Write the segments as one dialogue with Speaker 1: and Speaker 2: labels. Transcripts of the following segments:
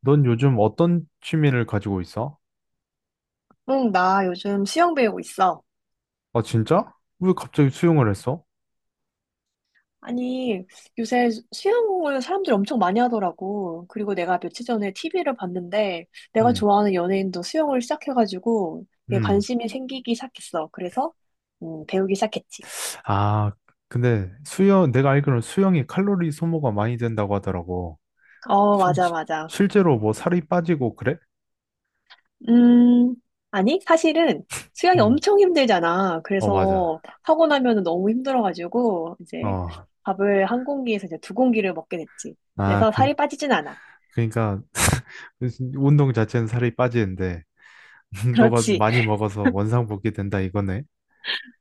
Speaker 1: 넌 요즘 어떤 취미를 가지고 있어?
Speaker 2: 응, 나 요즘 수영 배우고 있어.
Speaker 1: 아, 진짜? 왜 갑자기 수영을 했어?
Speaker 2: 아니, 요새 수영을 사람들이 엄청 많이 하더라고. 그리고 내가 며칠 전에 TV를 봤는데, 내가
Speaker 1: 음,
Speaker 2: 좋아하는 연예인도 수영을 시작해가지고, 이게
Speaker 1: 음.
Speaker 2: 관심이 생기기 시작했어. 그래서, 배우기 시작했지.
Speaker 1: 아, 근데 수영, 내가 알기로는 수영이 칼로리 소모가 많이 된다고 하더라고.
Speaker 2: 어,
Speaker 1: 실,
Speaker 2: 맞아, 맞아.
Speaker 1: 실제로 뭐 살이 빠지고 그래?
Speaker 2: 음, 아니, 사실은 수영이
Speaker 1: 음,
Speaker 2: 엄청 힘들잖아.
Speaker 1: 어, 맞아.
Speaker 2: 그래서 하고 나면 은 너무 힘들어가지고, 이제
Speaker 1: 어,
Speaker 2: 밥을 한 공기에서 이제 두 공기를 먹게 됐지.
Speaker 1: 아,
Speaker 2: 그래서 살이 빠지진 않아.
Speaker 1: 그러니까 그 운동 자체는 살이 빠지는데 너가
Speaker 2: 그렇지.
Speaker 1: 많이 먹어서 원상복귀 된다 이거네.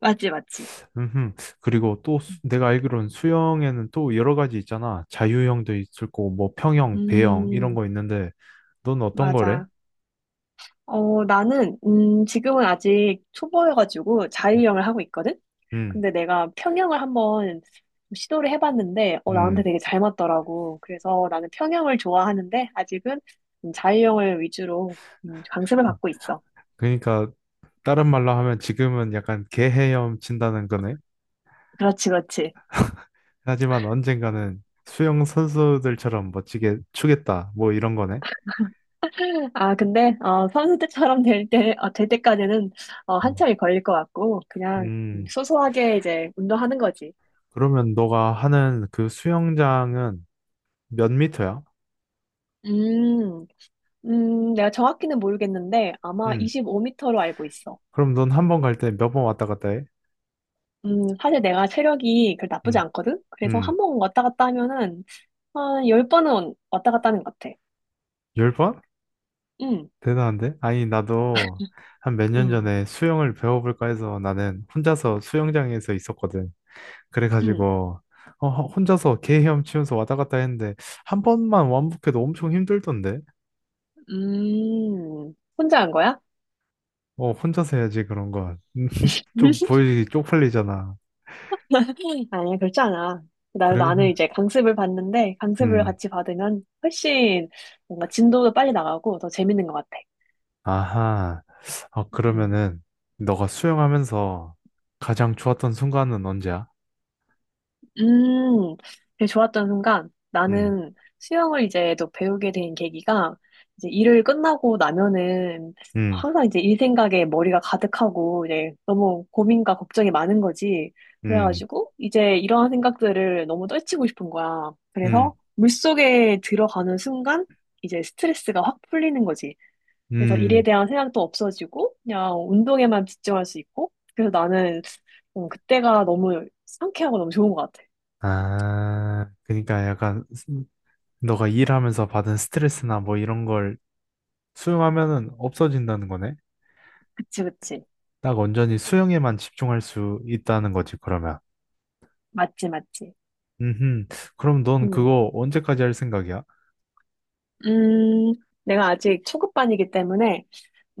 Speaker 2: 맞지, 맞지.
Speaker 1: 음흠. 그리고 또 내가 알기로는 수영에는 또 여러 가지 있잖아. 자유형도 있을 거고, 뭐 평형, 배영 이런
Speaker 2: 음,
Speaker 1: 거 있는데, 넌 어떤 거래?
Speaker 2: 맞아. 어, 나는, 지금은 아직 초보여가지고 자유형을 하고 있거든?
Speaker 1: 음,
Speaker 2: 근데 내가 평형을 한번 시도를 해봤는데, 나한테
Speaker 1: 음.
Speaker 2: 되게 잘 맞더라고. 그래서 나는 평형을 좋아하는데, 아직은 자유형을 위주로 강습을 받고 있어.
Speaker 1: 그러니까 다른 말로 하면 지금은 약간 개헤엄 친다는 거네.
Speaker 2: 그렇지, 그렇지.
Speaker 1: 하지만 언젠가는 수영 선수들처럼 멋지게 추겠다. 뭐 이런 거네.
Speaker 2: 아, 근데, 선수 때처럼 될 때, 될 때까지는,
Speaker 1: 음,
Speaker 2: 한참이 걸릴 것 같고, 그냥
Speaker 1: 음.
Speaker 2: 소소하게 이제 운동하는 거지.
Speaker 1: 그러면 너가 하는 그 수영장은 몇 미터야?
Speaker 2: 음. 내가 정확히는 모르겠는데 아마
Speaker 1: 음.
Speaker 2: 25m로 알고 있어.
Speaker 1: 그럼 넌 한 번 갈 때 몇 번 왔다 갔다 해?
Speaker 2: 사실 내가 체력이 그 나쁘지
Speaker 1: 음,
Speaker 2: 않거든? 그래서
Speaker 1: 음.
Speaker 2: 한 번 왔다 갔다 하면은 한 10번은 왔다 갔다 하는 것 같아.
Speaker 1: 열 번?
Speaker 2: 음,
Speaker 1: 대단한데? 아니, 나도 한 몇 년
Speaker 2: 음,
Speaker 1: 전에 수영을 배워볼까 해서 나는 혼자서 수영장에서 있었거든.
Speaker 2: 음,
Speaker 1: 그래가지고, 어, 혼자서 개 헤엄치면서 왔다 갔다 했는데, 한 번만 완복해도 엄청 힘들던데?
Speaker 2: 혼자 한 거야?
Speaker 1: 어, 혼자서 해야지, 그런 건. 좀 보여지기 쪽팔리잖아.
Speaker 2: 아니야, 그렇지 않아. 나,
Speaker 1: 그래,
Speaker 2: 나는 이제 강습을 받는데 강습을
Speaker 1: 음,
Speaker 2: 같이 받으면 훨씬 뭔가 진도도 빨리 나가고 더 재밌는 것 같아.
Speaker 1: 아하. 어,
Speaker 2: 응.
Speaker 1: 그러면은, 너가 수영하면서 가장 좋았던 순간은 언제야?
Speaker 2: 음, 되게 좋았던 순간,
Speaker 1: 음,
Speaker 2: 나는 수영을 이제 또 배우게 된 계기가, 이제 일을 끝나고 나면은
Speaker 1: 음,
Speaker 2: 항상 이제 일 생각에 머리가 가득하고, 이제 너무 고민과 걱정이 많은 거지.
Speaker 1: 음,
Speaker 2: 그래가지고, 이제 이러한 생각들을 너무 떨치고 싶은 거야.
Speaker 1: 음,
Speaker 2: 그래서 물속에 들어가는 순간, 이제 스트레스가 확 풀리는 거지. 그래서 일에
Speaker 1: 음.
Speaker 2: 대한 생각도 없어지고, 그냥 운동에만 집중할 수 있고, 그래서 나는 그때가 너무 상쾌하고 너무 좋은 것 같아.
Speaker 1: 아, 그러니까 약간 너가 일하면서 받은 스트레스나 뭐 이런 걸 수용하면은 없어진다는 거네.
Speaker 2: 그치, 그치.
Speaker 1: 딱 온전히 수용에만 집중할 수 있다는 거지, 그러면.
Speaker 2: 맞지, 맞지.
Speaker 1: 음, 그럼 넌
Speaker 2: 음.
Speaker 1: 그거 언제까지 할 생각이야?
Speaker 2: 음, 내가 아직 초급반이기 때문에,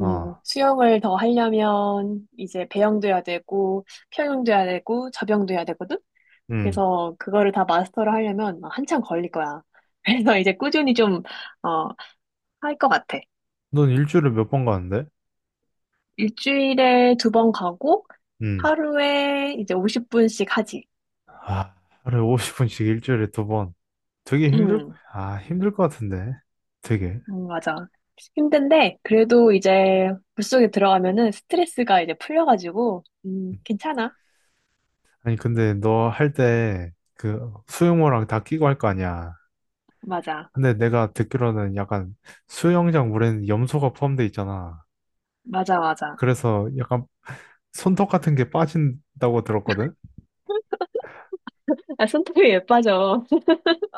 Speaker 2: 수영을 더 하려면 이제 배영도 해야 되고, 평영도 해야 되고, 접영도 해야 되거든?
Speaker 1: 음.
Speaker 2: 그래서 그거를 다 마스터를 하려면 막 한참 걸릴 거야. 그래서 이제 꾸준히 좀, 어, 할 것 같아.
Speaker 1: 넌 일주일에 몇 번 가는데?
Speaker 2: 일주일에 두 번 가고,
Speaker 1: 음.
Speaker 2: 하루에 이제 50분씩 하지.
Speaker 1: 아, 하루에 50분씩 일주일에 두 번. 되게 힘들,
Speaker 2: 음.
Speaker 1: 힘들 것 같은데. 되게.
Speaker 2: 맞아. 힘든데, 그래도 이제 물속에 들어가면은 스트레스가 이제 풀려가지고, 괜찮아.
Speaker 1: 아니, 근데 너 할 때 그 수영모랑 다 끼고 할 거 아니야.
Speaker 2: 맞아.
Speaker 1: 근데 내가 듣기로는 약간 수영장 물에는 염소가 포함돼 있잖아.
Speaker 2: 맞아, 맞아.
Speaker 1: 그래서 약간 손톱 같은 게 빠진다고 들었거든?
Speaker 2: 아, 손톱이 예뻐져.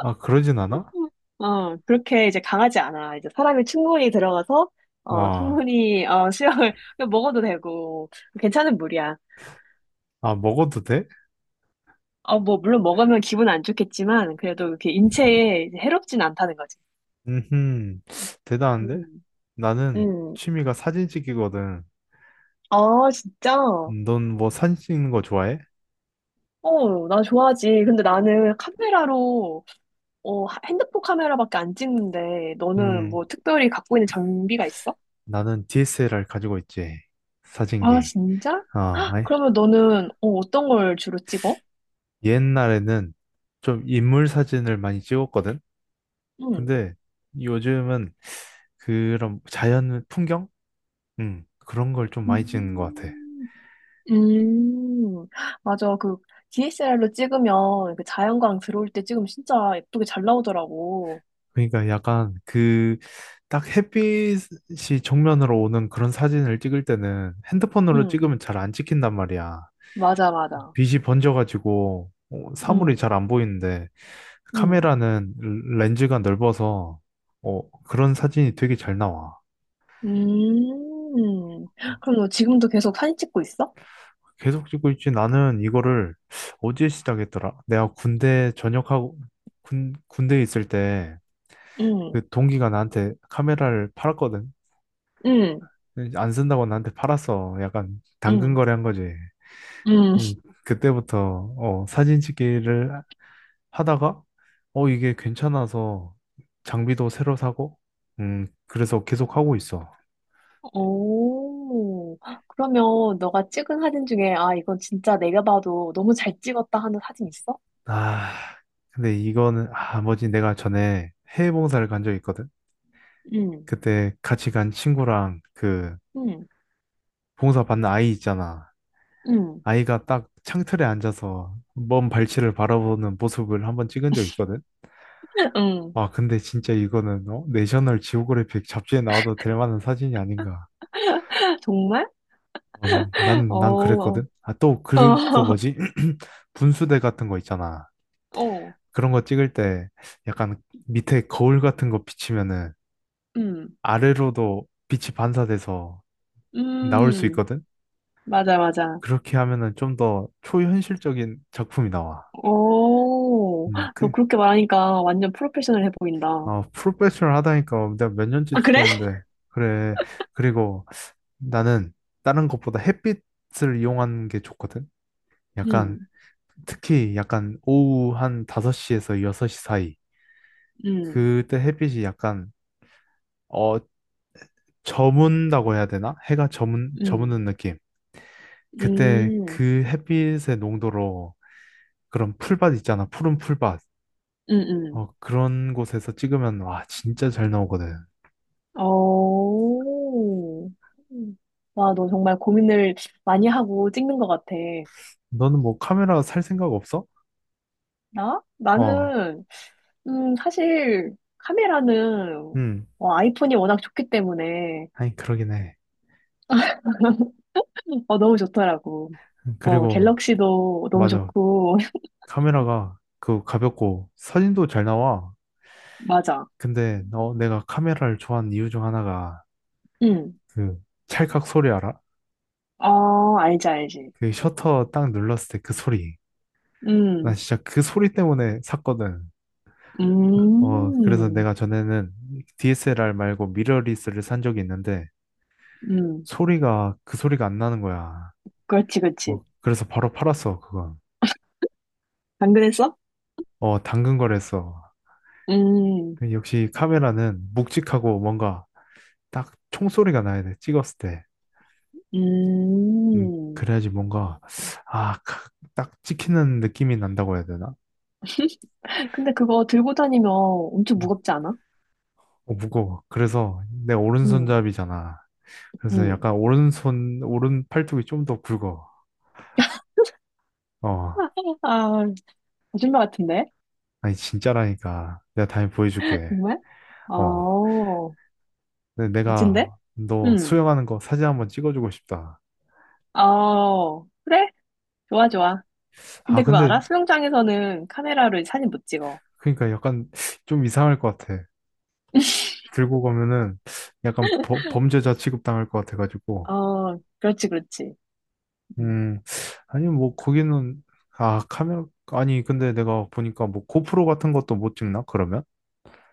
Speaker 1: 아, 그러진 않아?
Speaker 2: 어, 그렇게 이제 강하지 않아. 이제 사람이 충분히 들어가서,
Speaker 1: 아,
Speaker 2: 충분히, 수영을 그냥 먹어도 되고, 괜찮은 물이야.
Speaker 1: 먹어도 돼?
Speaker 2: 어, 뭐, 물론 먹으면 기분 안 좋겠지만, 그래도 이렇게 인체에 이제 해롭진 않다는 거지.
Speaker 1: 음, 대단한데?
Speaker 2: 음,
Speaker 1: 나는
Speaker 2: 음.
Speaker 1: 취미가 사진 찍기거든.
Speaker 2: 아, 진짜?
Speaker 1: 넌 뭐 사진 찍는 거 좋아해?
Speaker 2: 어, 나 좋아하지. 근데 나는 카메라로 핸드폰 카메라밖에 안 찍는데 너는
Speaker 1: 음,
Speaker 2: 뭐 특별히 갖고 있는 장비가 있어?
Speaker 1: 나는 DSLR 가지고 있지.
Speaker 2: 아,
Speaker 1: 사진기.
Speaker 2: 진짜?
Speaker 1: 아,
Speaker 2: 그러면 너는 어떤 걸 주로 찍어?
Speaker 1: 옛날에는 좀 인물 사진을 많이 찍었거든?
Speaker 2: 응.
Speaker 1: 근데 요즘은 그런 자연 풍경? 그런 걸 좀 많이 찍는 것 같아.
Speaker 2: 음, 음, 맞아. 그 DSLR로 찍으면 그 자연광 들어올 때 찍으면 진짜 예쁘게 잘 나오더라고.
Speaker 1: 그러니까 약간 그 딱 햇빛이 정면으로 오는 그런 사진을 찍을 때는 핸드폰으로
Speaker 2: 응,
Speaker 1: 찍으면 잘 안 찍힌단 말이야.
Speaker 2: 맞아, 맞아.
Speaker 1: 빛이 번져가지고 사물이
Speaker 2: 응,
Speaker 1: 잘 안 보이는데
Speaker 2: 응,
Speaker 1: 카메라는 렌즈가 넓어서 그런 사진이 되게 잘 나와.
Speaker 2: 음. 그럼 너 지금도 계속 사진 찍고 있어?
Speaker 1: 계속 찍고 있지. 나는 이거를 어디에 시작했더라? 내가 군대 전역하고 군, 군대에 있을 때
Speaker 2: 응,
Speaker 1: 그 동기가 나한테 카메라를 팔았거든.
Speaker 2: 응,
Speaker 1: 네, 안 쓴다고 나한테 팔았어. 약간 당근
Speaker 2: 응,
Speaker 1: 거래한 거지.
Speaker 2: 응.
Speaker 1: 음, 그때부터 사진 찍기를 하다가 이게 괜찮아서 장비도 새로 사고 그래서 계속 하고 있어.
Speaker 2: 오, 그러면 너가 찍은 사진 중에, 아, 이건 진짜 내가 봐도 너무 잘 찍었다 하는 사진 있어?
Speaker 1: 아, 근데 이거는, 뭐지, 내가 전에 해외 봉사를 간 적이 있거든.
Speaker 2: 응,
Speaker 1: 그때 같이 간 친구랑 그
Speaker 2: 응,
Speaker 1: 봉사 받는 아이 있잖아.
Speaker 2: 응,
Speaker 1: 아이가 딱 창틀에 앉아서 먼 발치를 바라보는 모습을 한번 찍은 적이 있거든.
Speaker 2: 응.
Speaker 1: 와, 근데 진짜 이거는 어? 내셔널 지오그래픽 잡지에 나와도 될 만한 사진이 아닌가.
Speaker 2: 정말?
Speaker 1: 어, 난
Speaker 2: 어,
Speaker 1: 그랬거든. 아, 또
Speaker 2: 어,
Speaker 1: 그 뭐지? 분수대 같은 거 있잖아.
Speaker 2: 어,
Speaker 1: 그런 거 찍을 때 약간 밑에 거울 같은 거 비치면은
Speaker 2: 음,
Speaker 1: 아래로도 빛이 반사돼서 나올 수
Speaker 2: 음,
Speaker 1: 있거든.
Speaker 2: 맞아, 맞아.
Speaker 1: 그렇게 하면은 좀 더 초현실적인 작품이 나와.
Speaker 2: 오,
Speaker 1: 음,
Speaker 2: 너
Speaker 1: 그,
Speaker 2: 그렇게 말하니까 완전 프로페셔널해 보인다.
Speaker 1: 아, 프로페셔널 하다니까 내가 몇 년째
Speaker 2: 아, 그래?
Speaker 1: 찍고 있는데. 그래. 그리고 나는 다른 것보다 햇빛을 이용하는 게 좋거든. 약간
Speaker 2: 응,
Speaker 1: 특히 약간 오후 한 5시에서 6시 사이.
Speaker 2: 응,
Speaker 1: 그때 햇빛이 약간 어 저문다고 해야 되나? 해가 저문
Speaker 2: 응,
Speaker 1: 저무는 느낌. 그때
Speaker 2: 음
Speaker 1: 그 햇빛의 농도로 그런 풀밭 있잖아. 푸른 풀밭.
Speaker 2: 응, 응.
Speaker 1: 그런 곳에서 찍으면 와 진짜 잘 나오거든.
Speaker 2: 어. 음. 와, 너 정말 고민을 많이 하고 찍는 것 같아.
Speaker 1: 너는 뭐 카메라 살 생각 없어?
Speaker 2: 나?
Speaker 1: 어.
Speaker 2: 나는, 사실, 카메라는,
Speaker 1: 음.
Speaker 2: 아이폰이 워낙 좋기 때문에,
Speaker 1: 아니 그러긴 해.
Speaker 2: 너무 좋더라고.
Speaker 1: 그리고
Speaker 2: 갤럭시도 너무
Speaker 1: 맞아.
Speaker 2: 좋고,
Speaker 1: 카메라가 그 가볍고 사진도 잘 나와.
Speaker 2: 맞아.
Speaker 1: 근데 너 내가 카메라를 좋아하는 이유 중 하나가
Speaker 2: 응.
Speaker 1: 그 찰칵 소리 알아?
Speaker 2: 알지, 알지.
Speaker 1: 그 셔터 딱 눌렀을 때 그 소리. 나
Speaker 2: 음,
Speaker 1: 진짜 그 소리 때문에 샀거든. 그래서
Speaker 2: 음,
Speaker 1: 내가 전에는 DSLR 말고 미러리스를 산 적이 있는데
Speaker 2: 음.
Speaker 1: 소리가 그 소리가 안 나는 거야.
Speaker 2: 그렇지, 그렇지.
Speaker 1: 그래서 바로 팔았어, 그건.
Speaker 2: 당근했어?
Speaker 1: 당근 거래했어.
Speaker 2: 음,
Speaker 1: 역시 카메라는 묵직하고 뭔가 딱 총소리가 나야 돼, 찍었을 때.
Speaker 2: 음.
Speaker 1: 그래야지 뭔가, 아, 딱 찍히는 느낌이 난다고 해야 되나?
Speaker 2: 근데 그거 들고 다니면 엄청
Speaker 1: 음,
Speaker 2: 무겁지 않아?
Speaker 1: 어, 무거워. 그래서 내
Speaker 2: 응,
Speaker 1: 오른손잡이잖아. 그래서
Speaker 2: 응.
Speaker 1: 약간 오른 팔뚝이 좀 더 굵어. 어,
Speaker 2: 아, 거짓말 같은데?
Speaker 1: 아니, 진짜라니까. 내가 다음에 보여줄게.
Speaker 2: 정말?
Speaker 1: 어,
Speaker 2: 어,
Speaker 1: 근데
Speaker 2: 멋진데?
Speaker 1: 내가 너
Speaker 2: 응.
Speaker 1: 수영하는 거 사진 한번 찍어주고 싶다.
Speaker 2: 어, 그래? 좋아, 좋아.
Speaker 1: 아,
Speaker 2: 근데 그거
Speaker 1: 근데,
Speaker 2: 알아? 수영장에서는 카메라로 사진 못 찍어.
Speaker 1: 그러니까 약간 좀 이상할 것 같아. 들고 가면은 약간 범죄자 취급당할 것 같아가지고.
Speaker 2: 어, 그렇지, 그렇지. 음.
Speaker 1: 음, 아니, 뭐, 거기는, 아, 카메라, 아니, 근데 내가 보니까 뭐, 고프로 같은 것도 못 찍나, 그러면?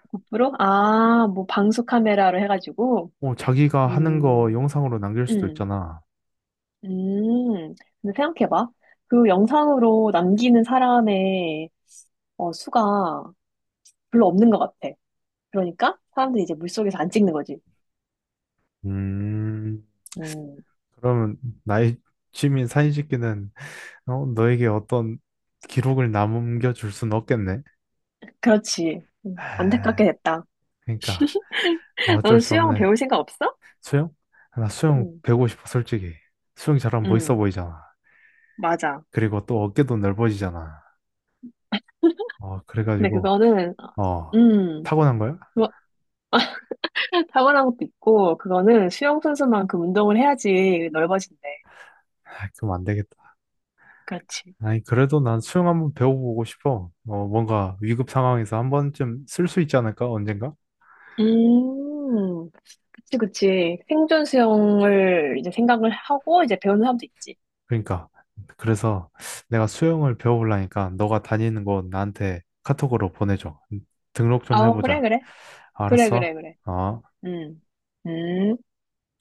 Speaker 2: 고프로? 아, 뭐 방수 카메라로 해가지고.
Speaker 1: 자기가 하는 거
Speaker 2: 음,
Speaker 1: 영상으로 남길 수도
Speaker 2: 음,
Speaker 1: 있잖아.
Speaker 2: 음. 근데 생각해봐. 그 영상으로 남기는 사람의 수가 별로 없는 것 같아. 그러니까 사람들이 이제 물속에서 안 찍는 거지.
Speaker 1: 음,
Speaker 2: 음,
Speaker 1: 그러면 나의 취미 사진 찍기는, 너에게 어떤 기록을 남겨줄 순 없겠네.
Speaker 2: 그렇지. 안타깝게
Speaker 1: 하,
Speaker 2: 됐다.
Speaker 1: 그러니까, 아,
Speaker 2: 너는
Speaker 1: 어쩔 수
Speaker 2: 수영
Speaker 1: 없네.
Speaker 2: 배울 생각 없어?
Speaker 1: 수영? 아, 나 수영
Speaker 2: 음,
Speaker 1: 배우고 싶어, 솔직히. 수영 잘하면 멋있어
Speaker 2: 음,
Speaker 1: 보이잖아.
Speaker 2: 맞아.
Speaker 1: 그리고 또 어깨도 넓어지잖아.
Speaker 2: 근데
Speaker 1: 그래가지고,
Speaker 2: 그거는,
Speaker 1: 어,
Speaker 2: 음,
Speaker 1: 타고난 거야?
Speaker 2: 그거 타고난 것도 있고, 그거는 수영 선수만큼 운동을 해야지 넓어진대.
Speaker 1: 아, 그럼 안 되겠다.
Speaker 2: 그렇지.
Speaker 1: 아니, 그래도 난 수영 한번 배워보고 싶어. 뭔가 위급 상황에서 한 번쯤 쓸 수 있지 않을까? 언젠가?
Speaker 2: 음, 그치, 그치. 생존 수영을 이제 생각을 하고 이제 배우는 사람도 있지.
Speaker 1: 그러니까. 그래서 내가 수영을 배워보려니까 너가 다니는 곳 나한테 카톡으로 보내줘. 등록 좀
Speaker 2: 어, 그래,
Speaker 1: 해보자.
Speaker 2: 그래. 그래, 그래,
Speaker 1: 알았어?
Speaker 2: 그래.
Speaker 1: 어.
Speaker 2: 음, 음.